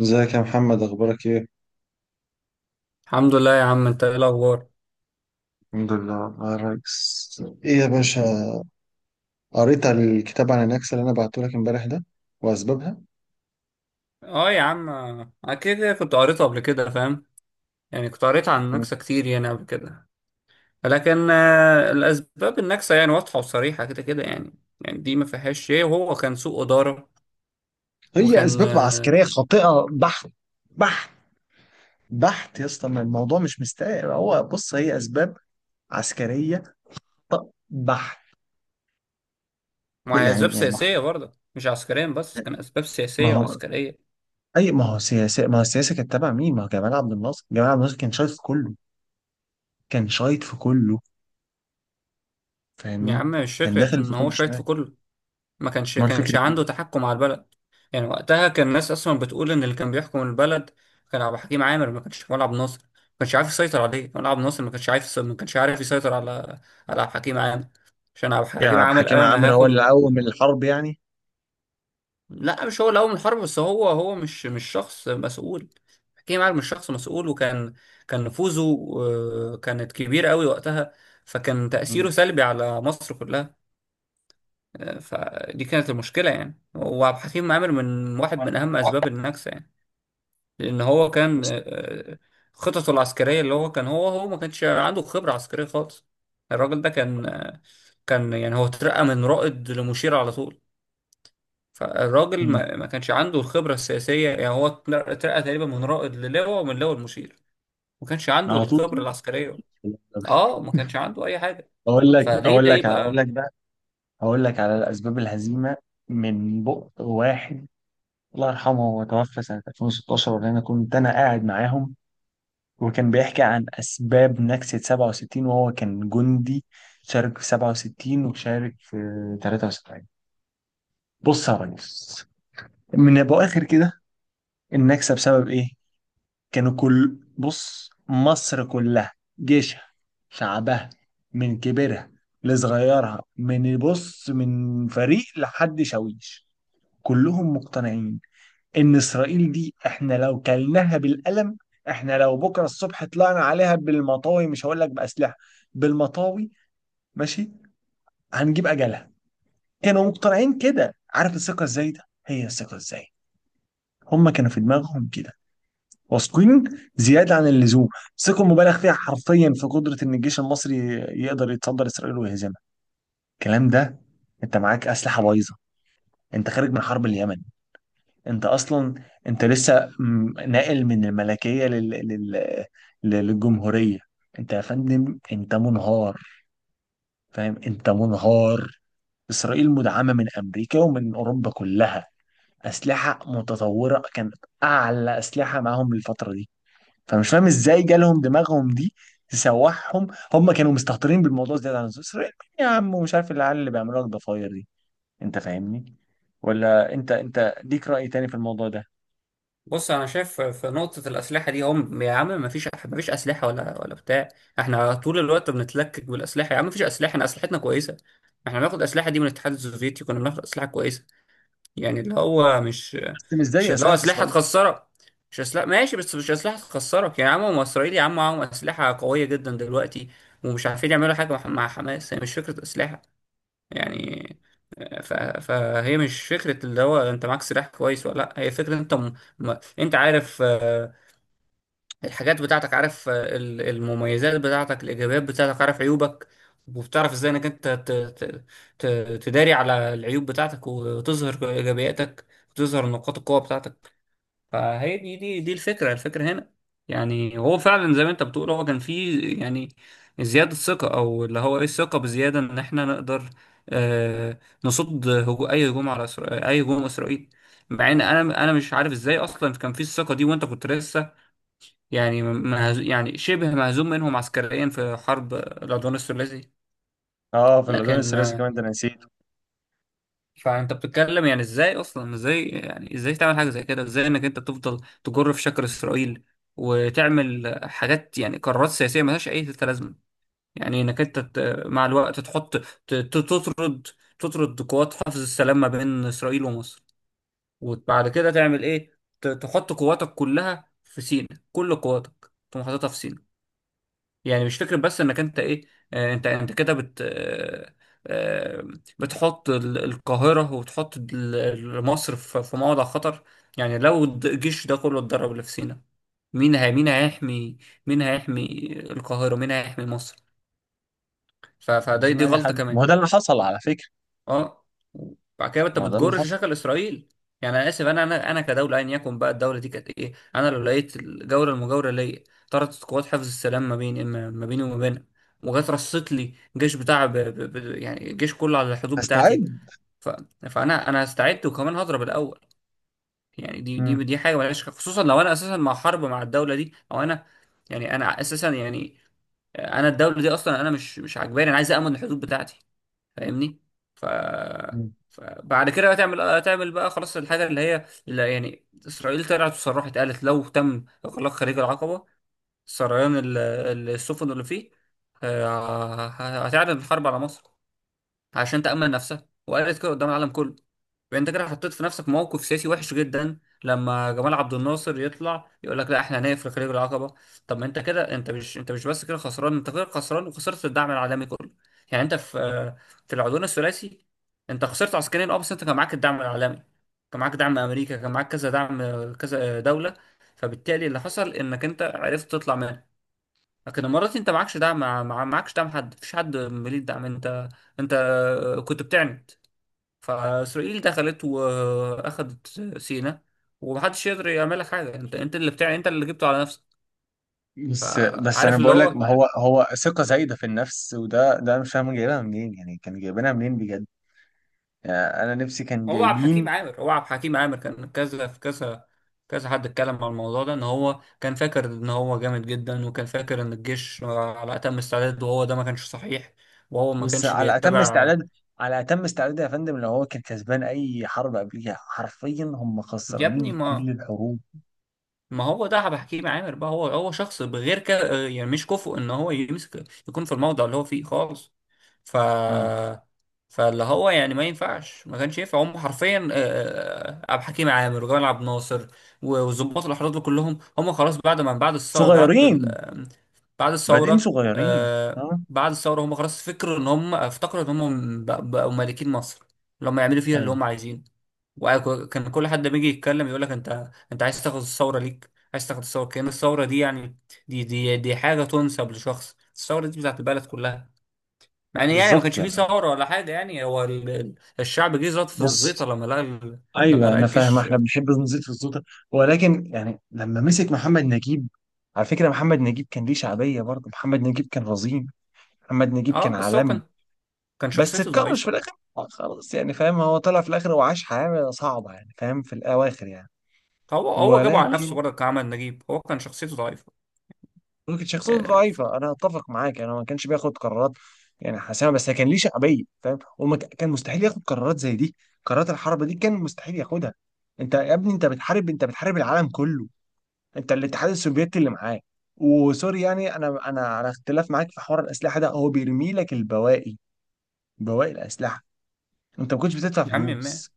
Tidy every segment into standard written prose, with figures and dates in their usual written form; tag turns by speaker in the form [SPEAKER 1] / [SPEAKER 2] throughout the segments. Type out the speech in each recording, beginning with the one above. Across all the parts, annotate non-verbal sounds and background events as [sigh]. [SPEAKER 1] ازيك يا محمد، اخبارك ايه؟
[SPEAKER 2] الحمد لله يا عم، انت ايه الاخبار؟
[SPEAKER 1] الحمد لله والله يا ريس. ايه يا باشا؟ قريت على الكتاب عن النكسة اللي انا بعته لك امبارح ده، واسبابها؟
[SPEAKER 2] اه يا عم، اكيد كنت قريته قبل كده فاهم. يعني كنت قريت عن
[SPEAKER 1] مم.
[SPEAKER 2] النكسه كتير يعني قبل كده. لكن الاسباب النكسه يعني واضحه وصريحه كده كده يعني. يعني دي ما فيهاش شيء، وهو كان سوء اداره.
[SPEAKER 1] هي
[SPEAKER 2] وكان
[SPEAKER 1] اسباب عسكريه خاطئه بحت. بحت. بحت يا اسطى، ما الموضوع مش مستاهل. هو بص، هي اسباب عسكريه بحت.
[SPEAKER 2] مع اسباب
[SPEAKER 1] يعني،
[SPEAKER 2] سياسيه برضه، مش عسكريا بس، كان اسباب
[SPEAKER 1] ما
[SPEAKER 2] سياسيه
[SPEAKER 1] هو،
[SPEAKER 2] وعسكريه.
[SPEAKER 1] اي ما هو سياسه، ما هو السياسه كانت تابعه مين؟ ما هو جمال عبد الناصر. جمال عبد الناصر كان شايط في كله. كان شايط في كله.
[SPEAKER 2] يا عم
[SPEAKER 1] فاهمني،
[SPEAKER 2] مش
[SPEAKER 1] كان
[SPEAKER 2] فكره
[SPEAKER 1] داخل في
[SPEAKER 2] ان
[SPEAKER 1] كل
[SPEAKER 2] هو شايط
[SPEAKER 1] شمال.
[SPEAKER 2] في كله، ما كانش
[SPEAKER 1] ما الفكره
[SPEAKER 2] كانش عنده
[SPEAKER 1] إيه؟
[SPEAKER 2] تحكم على البلد. يعني وقتها كان الناس اصلا بتقول ان اللي كان بيحكم البلد كان عبد الحكيم عامر، ما كانش ولا عبد الناصر ما كانش عارف يسيطر عليه، ولا عبد الناصر ما كانش عارف ما كانش عارف يسيطر على على عبد الحكيم عامر. عشان عبد
[SPEAKER 1] يا
[SPEAKER 2] الحكيم
[SPEAKER 1] عبد
[SPEAKER 2] عامر قال
[SPEAKER 1] الحكيم
[SPEAKER 2] انا
[SPEAKER 1] عامر هو
[SPEAKER 2] هاخد
[SPEAKER 1] اللي
[SPEAKER 2] ال...
[SPEAKER 1] قوم الحرب يعني؟
[SPEAKER 2] لا مش هو اللي قوم الحرب، بس هو هو مش شخص مسؤول. حكيم عامر مش شخص مسؤول، وكان كان نفوذه كانت كبيرة قوي وقتها. فكان
[SPEAKER 1] مم.
[SPEAKER 2] تأثيره سلبي على مصر كلها. فدي كانت المشكلة يعني، وعبد الحكيم عامر من واحد من أهم أسباب النكسة يعني. لأن هو كان
[SPEAKER 1] بص.
[SPEAKER 2] آه، خططه العسكرية، اللي هو كان هو ما كانش عنده خبرة عسكرية خالص. الراجل ده كان كان يعني هو اترقى من رائد لمشير على طول. فالراجل
[SPEAKER 1] مم.
[SPEAKER 2] ما كانش عنده الخبرة السياسية، يعني هو اترقى تقريبا من رائد للواء، ومن لواء لمشير. ما كانش عنده
[SPEAKER 1] على طول كده؟
[SPEAKER 2] الخبرة العسكرية. اه ما كانش عنده أي حاجة.
[SPEAKER 1] اقول لك
[SPEAKER 2] فليه
[SPEAKER 1] اقول
[SPEAKER 2] ده
[SPEAKER 1] لك اقول
[SPEAKER 2] يبقى.
[SPEAKER 1] لك بقى. اقول لك على الاسباب الهزيمه، من بق واحد الله يرحمه، هو توفى سنه 2016، وانا كنت انا قاعد معاهم. وكان بيحكي عن اسباب نكسه 67، وهو كان جندي. شارك في 67، وشارك في 73. بص يا ريس، من ابو اخر كده، النكسه بسبب ايه؟ كانوا كل، بص، مصر كلها، جيشها، شعبها، من كبيرها لصغيرها، من بص، من فريق لحد شاويش، كلهم مقتنعين ان اسرائيل دي احنا لو كلناها بالقلم، احنا لو بكره الصبح طلعنا عليها بالمطاوي، مش هقول لك باسلحه، بالمطاوي، ماشي، هنجيب اجلها. كانوا مقتنعين كده. عارف الثقه ازاي ده؟ هي الثقه ازاي؟ هم كانوا في دماغهم كده واثقين، زياده عن اللزوم، ثقه مبالغ فيها حرفيا في قدره ان الجيش المصري يقدر يتصدر اسرائيل ويهزمها. الكلام ده، انت معاك اسلحه بايظه، انت خارج من حرب اليمن، انت اصلا، انت لسه ناقل من الملكيه للجمهوريه. انت يا فندم، انت منهار. فاهم، انت منهار. اسرائيل مدعمه من امريكا ومن اوروبا كلها. اسلحه متطوره كانت، اعلى اسلحه معاهم الفتره دي. فمش فاهم ازاي جالهم دماغهم دي تسوحهم. هم كانوا مستهترين بالموضوع زياده عن اللزوم، إسرائيل يا عم، ومش عارف العيال اللي بيعملوا لك ضفاير دي. انت فاهمني، ولا انت ليك راي تاني في الموضوع ده؟
[SPEAKER 2] بص انا شايف في نقطه الاسلحه دي، هم يا عم ما فيش اسلحه ولا بتاع. احنا طول الوقت بنتلكك بالاسلحه يا عم، ما فيش اسلحه، احنا اسلحتنا كويسه. احنا بناخد اسلحه دي من الاتحاد السوفيتي، كنا بناخد اسلحه كويسه. يعني اللي هو مش،
[SPEAKER 1] بس مش
[SPEAKER 2] مش
[SPEAKER 1] زي
[SPEAKER 2] اللي هو
[SPEAKER 1] اسلحه
[SPEAKER 2] اسلحه
[SPEAKER 1] اسرائيل.
[SPEAKER 2] تخسرك، مش اسلحه ماشي بس مش اسلحه تخسرك. يعني يا عم، هم اسرائيل يا عم معاهم اسلحه قويه جدا دلوقتي، ومش عارفين يعملوا حاجه مع حماس، يعني مش فكره اسلحه
[SPEAKER 1] مم.
[SPEAKER 2] يعني. فهي مش فكرة اللي هو انت معاك سلاح كويس ولا لا، هي فكرة انت انت عارف الحاجات بتاعتك، عارف المميزات بتاعتك، الايجابيات بتاعتك، عارف عيوبك، وبتعرف ازاي انك انت ت... تداري على العيوب بتاعتك وتظهر ايجابياتك، وتظهر نقاط القوة بتاعتك. فهي دي الفكرة، الفكرة هنا. يعني هو فعلا زي ما انت بتقول، هو كان فيه يعني زيادة ثقة، او اللي هو ايه، الثقة بزيادة ان احنا نقدر آه نصد اي هجوم على اي هجوم اسرائيل. مع ان انا مش عارف ازاي اصلا كان فيه الثقة دي، وانت كنت لسه يعني يعني شبه مهزوم منهم عسكريا في حرب العدوان الثلاثي.
[SPEAKER 1] اه، في الاذون
[SPEAKER 2] لكن
[SPEAKER 1] الثلاثي كمان ده أنا نسيته.
[SPEAKER 2] فانت بتتكلم يعني، ازاي اصلا، ازاي يعني ازاي تعمل حاجه زي كده؟ ازاي انك انت تفضل تجر في شكر اسرائيل وتعمل حاجات يعني قرارات سياسيه ملهاش اي لازمه؟ يعني انك انت مع الوقت تحط تطرد، تطرد قوات حفظ السلام ما بين اسرائيل ومصر. وبعد كده تعمل ايه؟ تحط قواتك كلها في سيناء، كل قواتك تقوم حاططها في سيناء. يعني مش فكرة بس انك انت ايه، انت انت كده بت آه، آه، بتحط القاهرة، وتحط مصر في في موضع خطر. يعني لو الجيش ده كله اتدرب اللي في سينا، مين هي، مين هيحمي، مين هيحمي القاهرة، مين هيحمي مصر؟
[SPEAKER 1] ما هو
[SPEAKER 2] فده دي
[SPEAKER 1] لا اي
[SPEAKER 2] غلطة
[SPEAKER 1] حد، ما
[SPEAKER 2] كمان.
[SPEAKER 1] هو ده اللي حصل على فكره.
[SPEAKER 2] اه بعد كده انت
[SPEAKER 1] ما هو ده اللي
[SPEAKER 2] بتجرش
[SPEAKER 1] حصل.
[SPEAKER 2] شغل اسرائيل. يعني انا اسف، انا كدوله، ايا يكن بقى الدوله دي كانت ايه، انا لو لقيت الجوله المجاوره ليا طردت قوات حفظ السلام ما بيني وما بينها، وجت رصت لي جيش بتاع يعني الجيش كله على الحدود
[SPEAKER 1] هستعد.
[SPEAKER 2] بتاعتي. فانا استعدت وكمان هضرب الاول. يعني دي دي
[SPEAKER 1] مم.
[SPEAKER 2] دي حاجه ملهاش، خصوصا لو انا اساسا مع حرب مع الدوله دي، او انا يعني انا اساسا يعني، انا الدوله دي اصلا انا مش مش عاجباني، انا عايز امن الحدود بتاعتي، فاهمني؟ ف
[SPEAKER 1] مم.
[SPEAKER 2] فبعد كده هتعمل، هتعمل بقى خلاص الحاجه اللي هي اللي يعني، اسرائيل طلعت وصرحت قالت لو تم اغلاق خليج العقبه، سريان السفن اللي فيه، هتعلن الحرب على مصر عشان تأمن نفسك، وقالت كده قدام العالم كله. فانت كده حطيت في نفسك موقف سياسي وحش جدا، لما جمال عبد الناصر يطلع يقول لك لا احنا هنقفل خليج العقبة. طب ما انت كده، انت مش انت مش بس كده خسران، انت كده خسران وخسرت الدعم العالمي كله. يعني انت في في العدوان الثلاثي انت خسرت عسكريا اه، بس انت كان معاك الدعم العالمي، كان معاك دعم امريكا، كان معاك كذا دعم، كذا دولة. فبالتالي اللي حصل انك انت عرفت تطلع منها. لكن الامارات انت معكش دعم، مع معكش دعم حد، مفيش حد مليك دعم، انت انت كنت بتعند. فاسرائيل دخلت واخدت سيناء، ومحدش يقدر يعمل لك حاجه، انت انت اللي بتاع، انت اللي جبته على نفسك.
[SPEAKER 1] بس انا
[SPEAKER 2] فعارف اللي
[SPEAKER 1] بقول لك،
[SPEAKER 2] هو،
[SPEAKER 1] ما هو هو ثقه زايده في النفس، وده أنا مش فاهم جايبها منين؟ يعني كان جايبينها منين بجد؟ يعني انا نفسي، كان
[SPEAKER 2] هو عبد الحكيم
[SPEAKER 1] جايبين.
[SPEAKER 2] عامر هو عبد الحكيم عامر كان كذا في كذا، كذا حد اتكلم على الموضوع ده ان هو كان فاكر ان هو جامد جدا، وكان فاكر ان الجيش على اتم استعداد، وهو ده ما كانش صحيح، وهو ما
[SPEAKER 1] بص،
[SPEAKER 2] كانش
[SPEAKER 1] على اتم
[SPEAKER 2] بيتبع.
[SPEAKER 1] استعداد. على اتم استعداد يا فندم، لو هو كان كسبان اي حرب قبليها حرفيا. هم
[SPEAKER 2] يا ابني
[SPEAKER 1] خسرانين
[SPEAKER 2] ما
[SPEAKER 1] كل الحروب.
[SPEAKER 2] ما هو ده بحكيه مع عامر بقى. هو شخص بغير كده يعني مش كفؤ ان هو يمسك يكون في الموضع اللي هو فيه خالص. ف
[SPEAKER 1] مم.
[SPEAKER 2] فاللي هو يعني ما ينفعش، ما كانش ينفع هم حرفيا، عبد الحكيم عامر وجمال عبد الناصر وظباط الاحرار دول كلهم، هم خلاص بعد ما بعد الثوره بعد ال...
[SPEAKER 1] صغيرين.
[SPEAKER 2] آه، بعد
[SPEAKER 1] بادئين
[SPEAKER 2] الثوره
[SPEAKER 1] صغيرين.
[SPEAKER 2] آه،
[SPEAKER 1] ها.
[SPEAKER 2] بعد الثوره هم خلاص فكروا ان هم افتكروا ان هم بقوا مالكين مصر، اللي هم يعملوا فيها اللي
[SPEAKER 1] ايوه.
[SPEAKER 2] هم عايزينه. وكان كل حد بيجي يتكلم يقول لك انت، انت عايز تاخد الثوره ليك، عايز تاخد الثوره، كأن الثوره دي يعني، دي حاجه تنسب لشخص، الثوره دي بتاعت البلد كلها. مع ان يعني ما
[SPEAKER 1] بالظبط
[SPEAKER 2] كانش فيه
[SPEAKER 1] يعني.
[SPEAKER 2] ثوره ولا حاجه، يعني هو الشعب جه زاد في الزيطه
[SPEAKER 1] بص.
[SPEAKER 2] لما لقى لما
[SPEAKER 1] ايوه،
[SPEAKER 2] لقى
[SPEAKER 1] انا فاهم،
[SPEAKER 2] الجيش.
[SPEAKER 1] احنا بنحب نزيد في السلطه. ولكن يعني لما مسك محمد نجيب، على فكره محمد نجيب كان ليه شعبيه برضه. محمد نجيب كان رزين. محمد نجيب كان
[SPEAKER 2] اه بس هو
[SPEAKER 1] عالمي.
[SPEAKER 2] كان، كان
[SPEAKER 1] بس
[SPEAKER 2] شخصيته
[SPEAKER 1] اتكرش في
[SPEAKER 2] ضعيفه.
[SPEAKER 1] الاخر، خلاص يعني، فاهم؟ هو طلع في الاخر وعاش حياه صعبه يعني، فاهم، في الاواخر يعني.
[SPEAKER 2] هو هو جابه على نفسه
[SPEAKER 1] ولكن
[SPEAKER 2] برضه كعمل نجيب، هو كان شخصيته ضعيفه
[SPEAKER 1] ولكن شخصيته
[SPEAKER 2] آه،
[SPEAKER 1] ضعيفه، انا اتفق معاك، انا ما كانش بياخد قرارات يعني حاسمه، بس كان ليه شعبيه فاهم، وما كان مستحيل ياخد قرارات زي دي. قرارات الحرب دي كان مستحيل ياخدها. انت يا ابني، انت بتحارب العالم كله. انت الاتحاد السوفيتي اللي معاك، وسوري يعني، انا على اختلاف معاك في حوار الاسلحه ده. هو بيرمي لك البواقي، بواقي الاسلحه. انت ما كنتش بتدفع
[SPEAKER 2] يا عم ما
[SPEAKER 1] فلوس.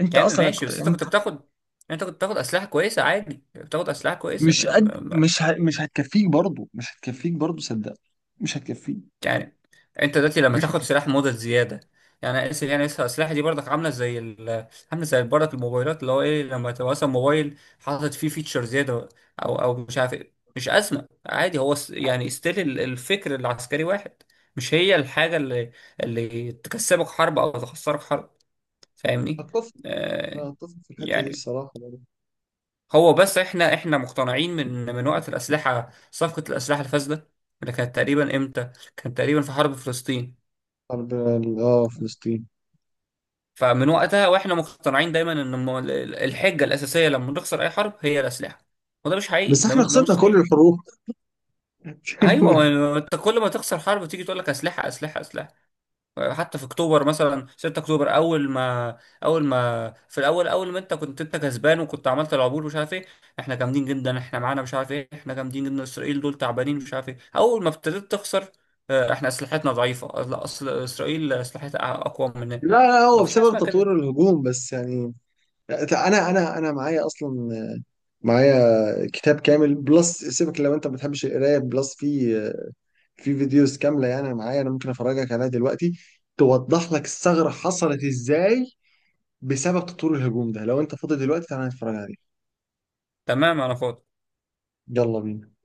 [SPEAKER 1] انت
[SPEAKER 2] يا عم
[SPEAKER 1] اصلا
[SPEAKER 2] ماشي، بس انت
[SPEAKER 1] انت
[SPEAKER 2] كنت بتاخد، انت كنت بتاخد اسلحه كويسه، عادي بتاخد اسلحه كويسه
[SPEAKER 1] مش قد، مش هتكفيك برضه، مش هتكفيك برضه صدق. مش هتكفيك.
[SPEAKER 2] يعني. انت دلوقتي لما
[SPEAKER 1] مش
[SPEAKER 2] تاخد
[SPEAKER 1] هتكفيك.
[SPEAKER 2] سلاح مدة زيادة، يعني اسف، يعني اسف السلاح دي برضك عاملة زي عاملة زي برضك الموبايلات، اللي هو ايه، لما تبقى مثلا موبايل حاطط فيه فيتشر زيادة، او او مش عارف ايه، مش أزمة عادي، هو يعني ستيل الفكر العسكري واحد. مش هي الحاجة اللي اللي تكسبك حرب او تخسرك حرب، فاهمني؟
[SPEAKER 1] هتفصل. أنا
[SPEAKER 2] آه
[SPEAKER 1] هتفصل في الحتة دي
[SPEAKER 2] يعني
[SPEAKER 1] الصراحة برضه.
[SPEAKER 2] هو بس احنا احنا مقتنعين من من وقت الأسلحة، صفقة الأسلحة الفاسدة اللي كانت تقريبا امتى؟ كان تقريبا في حرب فلسطين.
[SPEAKER 1] حرب فلسطين.
[SPEAKER 2] فمن وقتها واحنا مقتنعين دايما ان الحجه الاساسيه لما نخسر اي حرب هي الاسلحه، وده مش
[SPEAKER 1] بس
[SPEAKER 2] حقيقي، ده
[SPEAKER 1] احنا
[SPEAKER 2] مش، ده مش
[SPEAKER 1] خسرنا كل
[SPEAKER 2] صحيح.
[SPEAKER 1] الحروب.
[SPEAKER 2] ايوه،
[SPEAKER 1] [laughs]
[SPEAKER 2] ما انت كل ما تخسر حرب تيجي تقول لك اسلحه اسلحه اسلحه. حتى في اكتوبر مثلا، 6 اكتوبر اول ما، اول ما في الاول، اول ما انت كنت انت كسبان وكنت عملت العبور مش عارف ايه، احنا جامدين جدا، احنا معانا مش عارف ايه، احنا جامدين جدا، اسرائيل دول تعبانين مش عارف ايه. اول ما ابتديت تخسر، احنا اسلحتنا ضعيفه، لا اصل اسرائيل اسلحتها اقوى مننا.
[SPEAKER 1] لا لا، هو
[SPEAKER 2] مفيش حاجه
[SPEAKER 1] بسبب
[SPEAKER 2] اسمها كده.
[SPEAKER 1] تطوير الهجوم بس يعني. انا معايا اصلا، معايا كتاب كامل. بلس سيبك لو انت ما بتحبش القرايه، بلس في فيديوز كامله يعني. انا معايا، انا ممكن افرجك عليها دلوقتي، توضح لك الثغره حصلت ازاي بسبب تطوير الهجوم ده. لو انت فاضي دلوقتي تعالى نتفرج عليه.
[SPEAKER 2] تمام، انا فاضي.
[SPEAKER 1] يلا بينا.